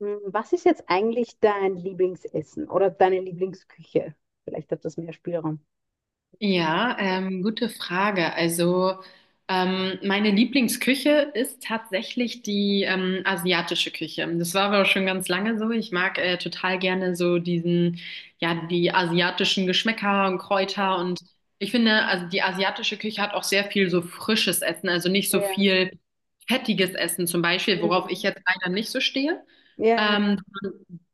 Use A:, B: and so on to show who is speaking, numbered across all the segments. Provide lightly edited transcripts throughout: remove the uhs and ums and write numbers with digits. A: Hm, was ist jetzt eigentlich dein Lieblingsessen oder deine Lieblingsküche? Vielleicht hat das mehr Spielraum.
B: Ja, gute Frage. Also meine Lieblingsküche ist tatsächlich die asiatische Küche. Das war aber auch schon ganz lange so. Ich mag total gerne so die asiatischen Geschmäcker und Kräuter.
A: Mhm.
B: Und ich finde, also die asiatische Küche hat auch sehr viel so frisches Essen, also nicht so
A: Ja.
B: viel fettiges Essen zum Beispiel, worauf ich
A: Mhm.
B: jetzt leider nicht so stehe.
A: Ja, ja, ja.
B: Ähm,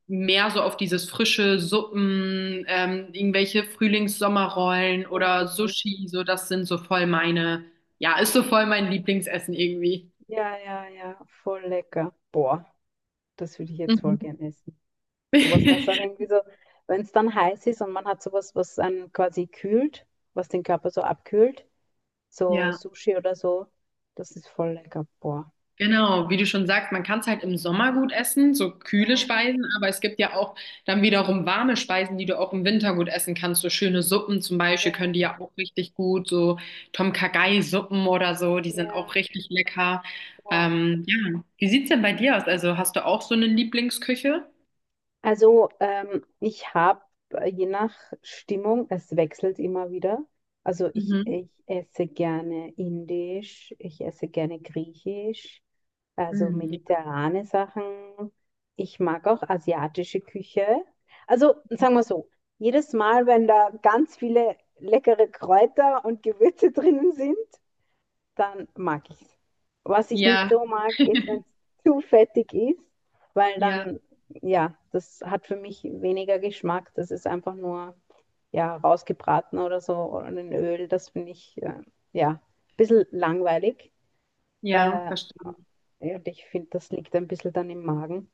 B: Mehr so auf dieses frische Suppen, irgendwelche Frühlings-Sommerrollen oder
A: Mhm.
B: Sushi, so das sind so voll ist so voll mein Lieblingsessen irgendwie.
A: Ja, ja, ja. Voll lecker. Boah, das würde ich jetzt voll
B: Mhm.
A: gern essen. Sowas, was auch irgendwie so, wenn es dann heiß ist und man hat sowas, was einen quasi kühlt, was den Körper so abkühlt, so
B: Ja.
A: Sushi oder so, das ist voll lecker. Boah.
B: Genau, wie du schon sagst, man kann es halt im Sommer gut essen, so kühle
A: Ja,
B: Speisen, aber es gibt ja auch dann wiederum warme Speisen, die du auch im Winter gut essen kannst. So schöne Suppen zum Beispiel können
A: ja,
B: die ja auch richtig gut, so Tom Kha-Gai-Suppen oder so, die sind auch
A: ja.
B: richtig lecker.
A: Boah.
B: Ja, wie sieht's denn bei dir aus? Also hast du auch so eine Lieblingsküche?
A: Also ich habe je nach Stimmung, es wechselt immer wieder. Also ich,
B: Mhm.
A: ich esse gerne Indisch, ich esse gerne Griechisch, also
B: Mhm.
A: mediterrane Sachen. Ich mag auch asiatische Küche. Also sagen wir so, jedes Mal, wenn da ganz viele leckere Kräuter und Gewürze drinnen sind, dann mag ich es. Was ich nicht
B: Ja,
A: so mag, ist, wenn es zu fettig ist, weil
B: ja,
A: dann, ja, das hat für mich weniger Geschmack. Das ist einfach nur, ja, rausgebraten oder so oder in Öl. Das finde ich, ja, ein bisschen langweilig.
B: ja,
A: Äh,
B: verstanden.
A: und ich finde, das liegt ein bisschen dann im Magen.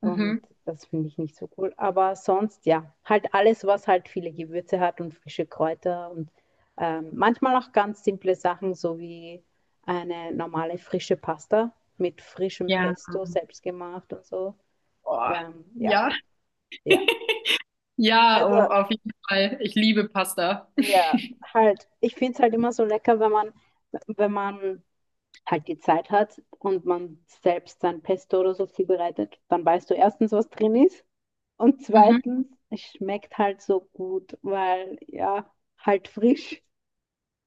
A: Und
B: Mhm.
A: das finde ich nicht so cool. Aber sonst, ja, halt alles, was halt viele Gewürze hat und frische Kräuter und manchmal auch ganz simple Sachen, so wie eine normale frische Pasta mit frischem
B: Ja,
A: Pesto selbst gemacht und so.
B: boah.
A: Ja,
B: Ja,
A: ja.
B: ja, oh,
A: Also,
B: auf jeden Fall. Ich liebe Pasta.
A: ja, halt, ich finde es halt immer so lecker, wenn man, wenn man halt die Zeit hat und man selbst sein Pesto oder so zubereitet, dann weißt du erstens, was drin ist. Und
B: Mhm.
A: zweitens, es schmeckt halt so gut, weil ja, halt frisch.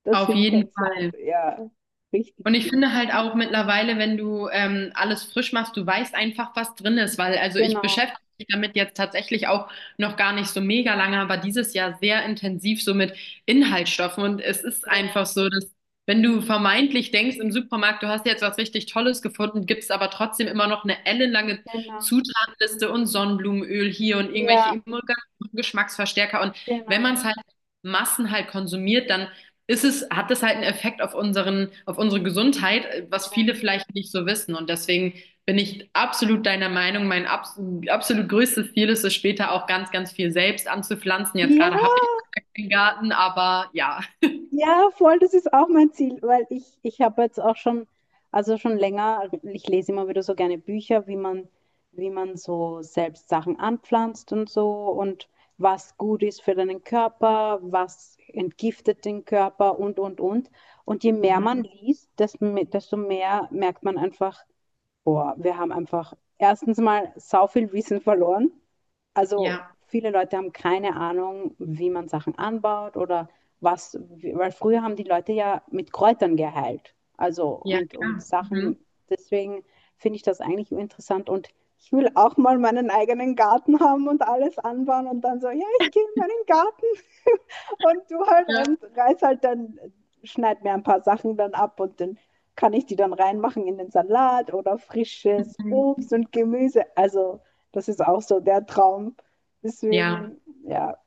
A: Das
B: Auf
A: finde ich
B: jeden
A: halt so,
B: Fall.
A: ja, richtig
B: Und ich
A: gut.
B: finde halt auch mittlerweile, wenn du alles frisch machst, du weißt einfach, was drin ist, weil also ich
A: Genau.
B: beschäftige mich damit jetzt tatsächlich auch noch gar nicht so mega lange, aber dieses Jahr sehr intensiv so mit Inhaltsstoffen. Und es ist
A: Ja,
B: einfach so, dass wenn du vermeintlich denkst im Supermarkt, du hast jetzt was richtig Tolles gefunden, gibt es aber trotzdem immer noch eine ellenlange
A: genau.
B: Zutatenliste und Sonnenblumenöl hier und irgendwelche
A: Ja,
B: Emulgatoren, Geschmacksverstärker. Und wenn
A: genau.
B: man es halt Massen halt konsumiert, dann ist es, hat das halt einen Effekt auf auf unsere Gesundheit, was
A: Ja.
B: viele vielleicht nicht so wissen. Und deswegen bin ich absolut deiner Meinung. Mein absolut größtes Ziel ist es später auch ganz, ganz viel selbst anzupflanzen. Jetzt
A: Ja.
B: gerade habe ich keinen Garten, aber ja.
A: Ja, voll, das ist auch mein Ziel, weil ich habe jetzt auch schon, also schon länger, ich lese immer wieder so gerne Bücher, wie man so selbst Sachen anpflanzt und so und was gut ist für deinen Körper, was entgiftet den Körper und, und. Und je mehr man
B: Mhm.
A: liest, desto, desto mehr merkt man einfach, boah, wir haben einfach erstens mal sau viel Wissen verloren. Also
B: Ja,
A: viele Leute haben keine Ahnung, wie man Sachen anbaut oder was, weil früher haben die Leute ja mit Kräutern geheilt. Also
B: ja,
A: und
B: klar. Mhm.
A: Sachen, deswegen finde ich das eigentlich interessant und ich will auch mal meinen eigenen Garten haben und alles anbauen und dann so, ja, ich gehe in meinen Garten und du halt
B: Ja.
A: und reiß halt dann, schneid mir ein paar Sachen dann ab und den kann ich die dann reinmachen in den Salat oder frisches
B: Mhm.
A: Obst und Gemüse. Also, das ist auch so der Traum.
B: Ja.
A: Deswegen, ja,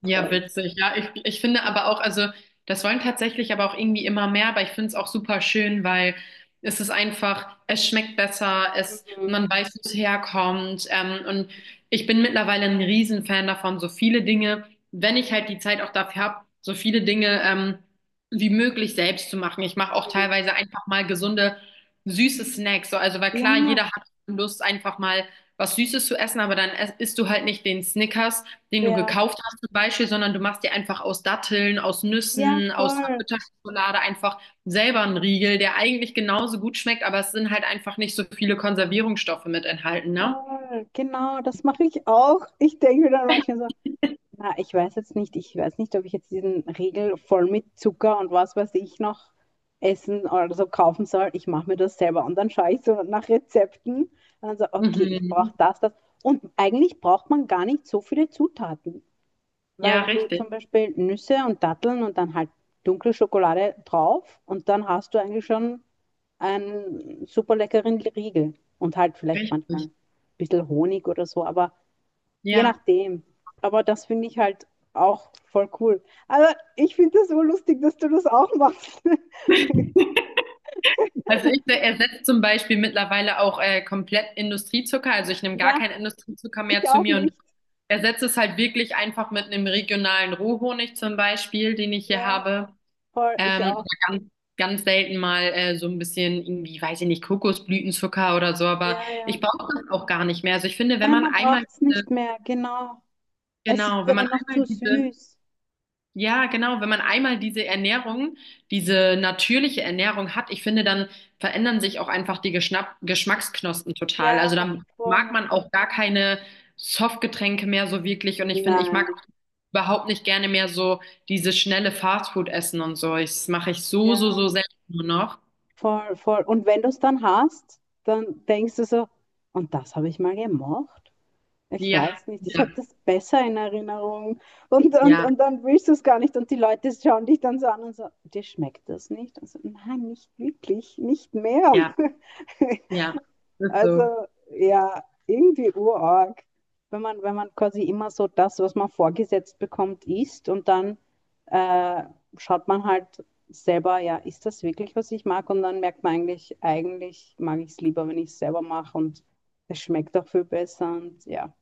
B: Ja,
A: voll.
B: witzig. Ja, ich finde aber auch, also das wollen tatsächlich aber auch irgendwie immer mehr, aber ich finde es auch super schön, weil es ist einfach, es schmeckt besser, es,
A: Mhm.
B: man weiß, wo es herkommt. Und ich bin mittlerweile ein Riesenfan davon, so viele Dinge, wenn ich halt die Zeit auch dafür habe, so viele Dinge wie möglich selbst zu machen. Ich mache auch
A: Mhm.
B: teilweise einfach mal gesunde, süße Snacks. So, also, weil klar,
A: Ja,
B: jeder hat Lust, einfach mal was Süßes zu essen, aber dann isst du halt nicht den Snickers, den du
A: ja,
B: gekauft hast zum Beispiel, sondern du machst dir einfach aus Datteln, aus
A: ja,
B: Nüssen, aus einer
A: voll,
B: Bitterschokolade einfach selber einen Riegel, der eigentlich genauso gut schmeckt, aber es sind halt einfach nicht so viele Konservierungsstoffe mit enthalten, ne?
A: voll. Genau, das mache ich auch. Ich denke mir dann manchmal so, na, ich weiß jetzt nicht, ich weiß nicht, ob ich jetzt diesen Riegel voll mit Zucker und was weiß ich noch essen oder so kaufen soll. Ich mache mir das selber und dann schaue ich so nach Rezepten und dann so, okay, ich brauche
B: Mhm.
A: das, das. Und eigentlich braucht man gar nicht so viele Zutaten, weil
B: Ja,
A: wenn du
B: richtig.
A: zum Beispiel Nüsse und Datteln und dann halt dunkle Schokolade drauf und dann hast du eigentlich schon einen super leckeren Riegel und halt vielleicht manchmal
B: Richtig.
A: ein bisschen Honig oder so, aber je
B: Ja.
A: nachdem. Aber das finde ich halt auch voll cool. Aber ich finde das so lustig, dass du das auch machst.
B: Also ich ersetze zum Beispiel mittlerweile auch komplett Industriezucker. Also ich nehme gar
A: Ja,
B: keinen Industriezucker mehr
A: ich
B: zu
A: auch
B: mir und
A: nicht.
B: ersetze es halt wirklich einfach mit einem regionalen Rohhonig zum Beispiel, den ich hier
A: Ja,
B: habe.
A: voll,
B: Ähm,
A: ich auch.
B: aber ganz, ganz selten mal so ein bisschen irgendwie, weiß ich nicht, Kokosblütenzucker oder so, aber
A: Ja, ja.
B: ich brauche das auch gar nicht mehr. Also ich finde, wenn
A: Nein, man braucht es nicht mehr, genau. Es ist
B: genau, wenn
A: ja dann noch zu süß.
B: ja, genau, wenn man einmal diese natürliche Ernährung hat, ich finde, dann verändern sich auch einfach die Geschnapp Geschmacksknospen total. Also
A: Ja,
B: dann mag
A: voll.
B: man auch gar keine Softgetränke mehr so wirklich. Und ich finde, ich mag
A: Nein,
B: auch überhaupt nicht gerne mehr so dieses schnelle Fastfood essen und so. Das mache ich so
A: ja,
B: selten nur noch.
A: voll, voll. Und wenn du es dann hast, dann denkst du so, und das habe ich mal gemacht. Ich
B: Ja,
A: weiß nicht, ich
B: ja,
A: habe das besser in Erinnerung.
B: ja,
A: Und dann willst du es gar nicht. Und die Leute schauen dich dann so an und so, dir schmeckt das nicht? Und so, nein, nicht wirklich, nicht mehr.
B: ja, ja. Ist so.
A: Also ja, irgendwie urarg. Wenn man, wenn man quasi immer so das, was man vorgesetzt bekommt, isst und dann äh, schaut man halt selber, ja, ist das wirklich, was ich mag? Und dann merkt man eigentlich, eigentlich mag ich es lieber, wenn ich es selber mache und es schmeckt auch viel besser und ja.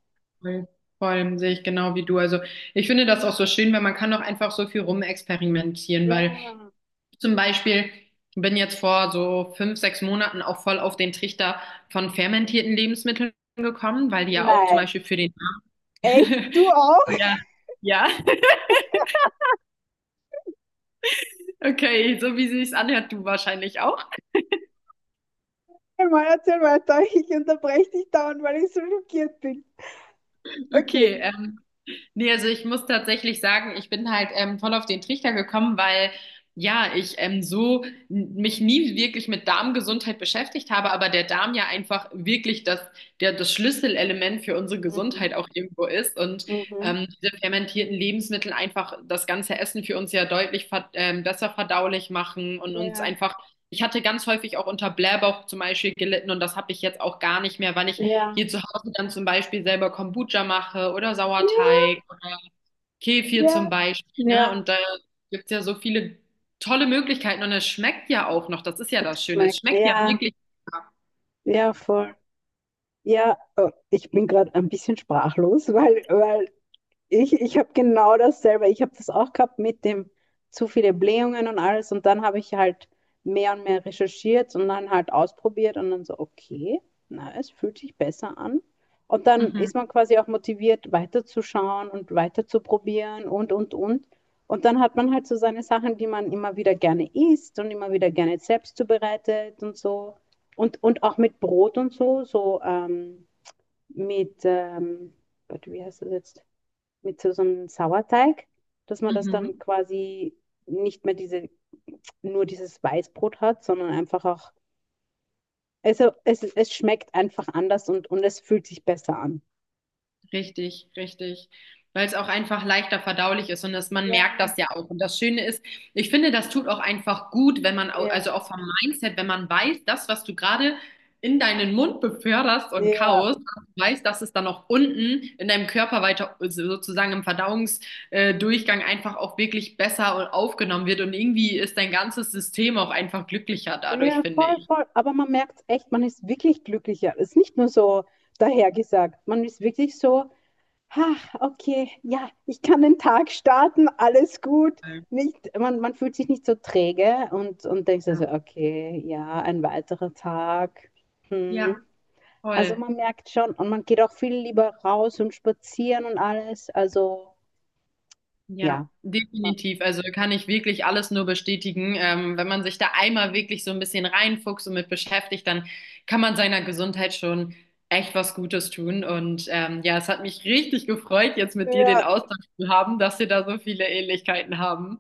B: Voll, voll sehe ich genau wie du. Also ich finde das auch so schön, weil man kann doch einfach so viel rumexperimentieren, weil
A: Ja.
B: ich zum Beispiel bin jetzt vor so fünf, sechs Monaten auch voll auf den Trichter von fermentierten Lebensmitteln gekommen, weil die ja auch zum
A: Nein.
B: Beispiel für den
A: Echt? Du auch?
B: Ja, ja. Okay, so wie sie es anhört, du wahrscheinlich auch.
A: Mal erzähl weiter. Ich unterbreche dich dauernd, weil ich so schockiert bin. Okay.
B: Okay, nee, also ich muss tatsächlich sagen, ich bin halt voll auf den Trichter gekommen, weil ja, ich mich nie wirklich mit Darmgesundheit beschäftigt habe, aber der Darm ja einfach wirklich der, das Schlüsselelement für unsere
A: Mhm.
B: Gesundheit auch irgendwo ist. Und
A: Mhm.
B: diese fermentierten Lebensmittel einfach das ganze Essen für uns ja deutlich ver besser verdaulich machen und uns
A: Ja.
B: einfach, ich hatte ganz häufig auch unter Blähbauch zum Beispiel gelitten und das habe ich jetzt auch gar nicht mehr, weil ich
A: Ja.
B: hier zu Hause dann zum Beispiel selber Kombucha mache oder
A: Ja,
B: Sauerteig oder Kefir zum
A: ja,
B: Beispiel. Ne?
A: ja.
B: Und da gibt es ja so viele tolle Möglichkeiten und es schmeckt ja auch noch. Das ist ja
A: Es
B: das Schöne. Es
A: schmeckt.
B: schmeckt ja
A: Ja.
B: wirklich.
A: Ja, voll. Ja. Oh, ich bin gerade ein bisschen sprachlos, weil, weil ich habe genau dasselbe. Ich habe das auch gehabt mit dem zu viele Blähungen und alles. Und dann habe ich halt mehr und mehr recherchiert und dann halt ausprobiert und dann so, okay, na, es fühlt sich besser an. Und dann ist
B: Mhm.
A: man quasi auch motiviert, weiterzuschauen und weiterzuprobieren und, und. Und dann hat man halt so seine Sachen, die man immer wieder gerne isst und immer wieder gerne selbst zubereitet und so. Und auch mit Brot und so, so mit, Gott, wie heißt das jetzt? Mit so, so einem Sauerteig, dass man das dann
B: Mhm.
A: quasi nicht mehr diese, nur dieses Weißbrot hat, sondern einfach auch, also es schmeckt einfach anders und es fühlt sich besser an.
B: Richtig, richtig. Weil es auch einfach leichter verdaulich ist und dass man merkt
A: Ja,
B: das ja auch. Und das Schöne ist, ich finde, das tut auch einfach gut, wenn man, also
A: ja,
B: auch vom Mindset, wenn man weiß, das, was du gerade in deinen Mund beförderst und
A: ja,
B: kaust, weiß, dass es dann auch unten in deinem Körper weiter, also sozusagen im Verdauungsdurchgang einfach auch wirklich besser und aufgenommen wird. Und irgendwie ist dein ganzes System auch einfach glücklicher dadurch,
A: ja,
B: finde
A: voll,
B: ich.
A: voll. Aber man merkt echt, man ist wirklich glücklicher. Es ist nicht nur so dahergesagt. Man ist wirklich so. Ha, okay, ja, ich kann den Tag starten, alles gut.
B: Ja,
A: Nicht, man fühlt sich nicht so träge und denkt so, so, okay, ja, ein weiterer Tag.
B: ja,
A: Hm. Also
B: voll.
A: man merkt schon und man geht auch viel lieber raus und spazieren und alles. Also
B: Ja,
A: ja, man,
B: definitiv. Also kann ich wirklich alles nur bestätigen. Wenn man sich da einmal wirklich so ein bisschen reinfuchst und mit beschäftigt, dann kann man seiner Gesundheit schon echt was Gutes tun. Und ja, es hat mich richtig gefreut, jetzt mit dir den
A: ja,
B: Austausch zu haben, dass wir da so viele Ähnlichkeiten haben.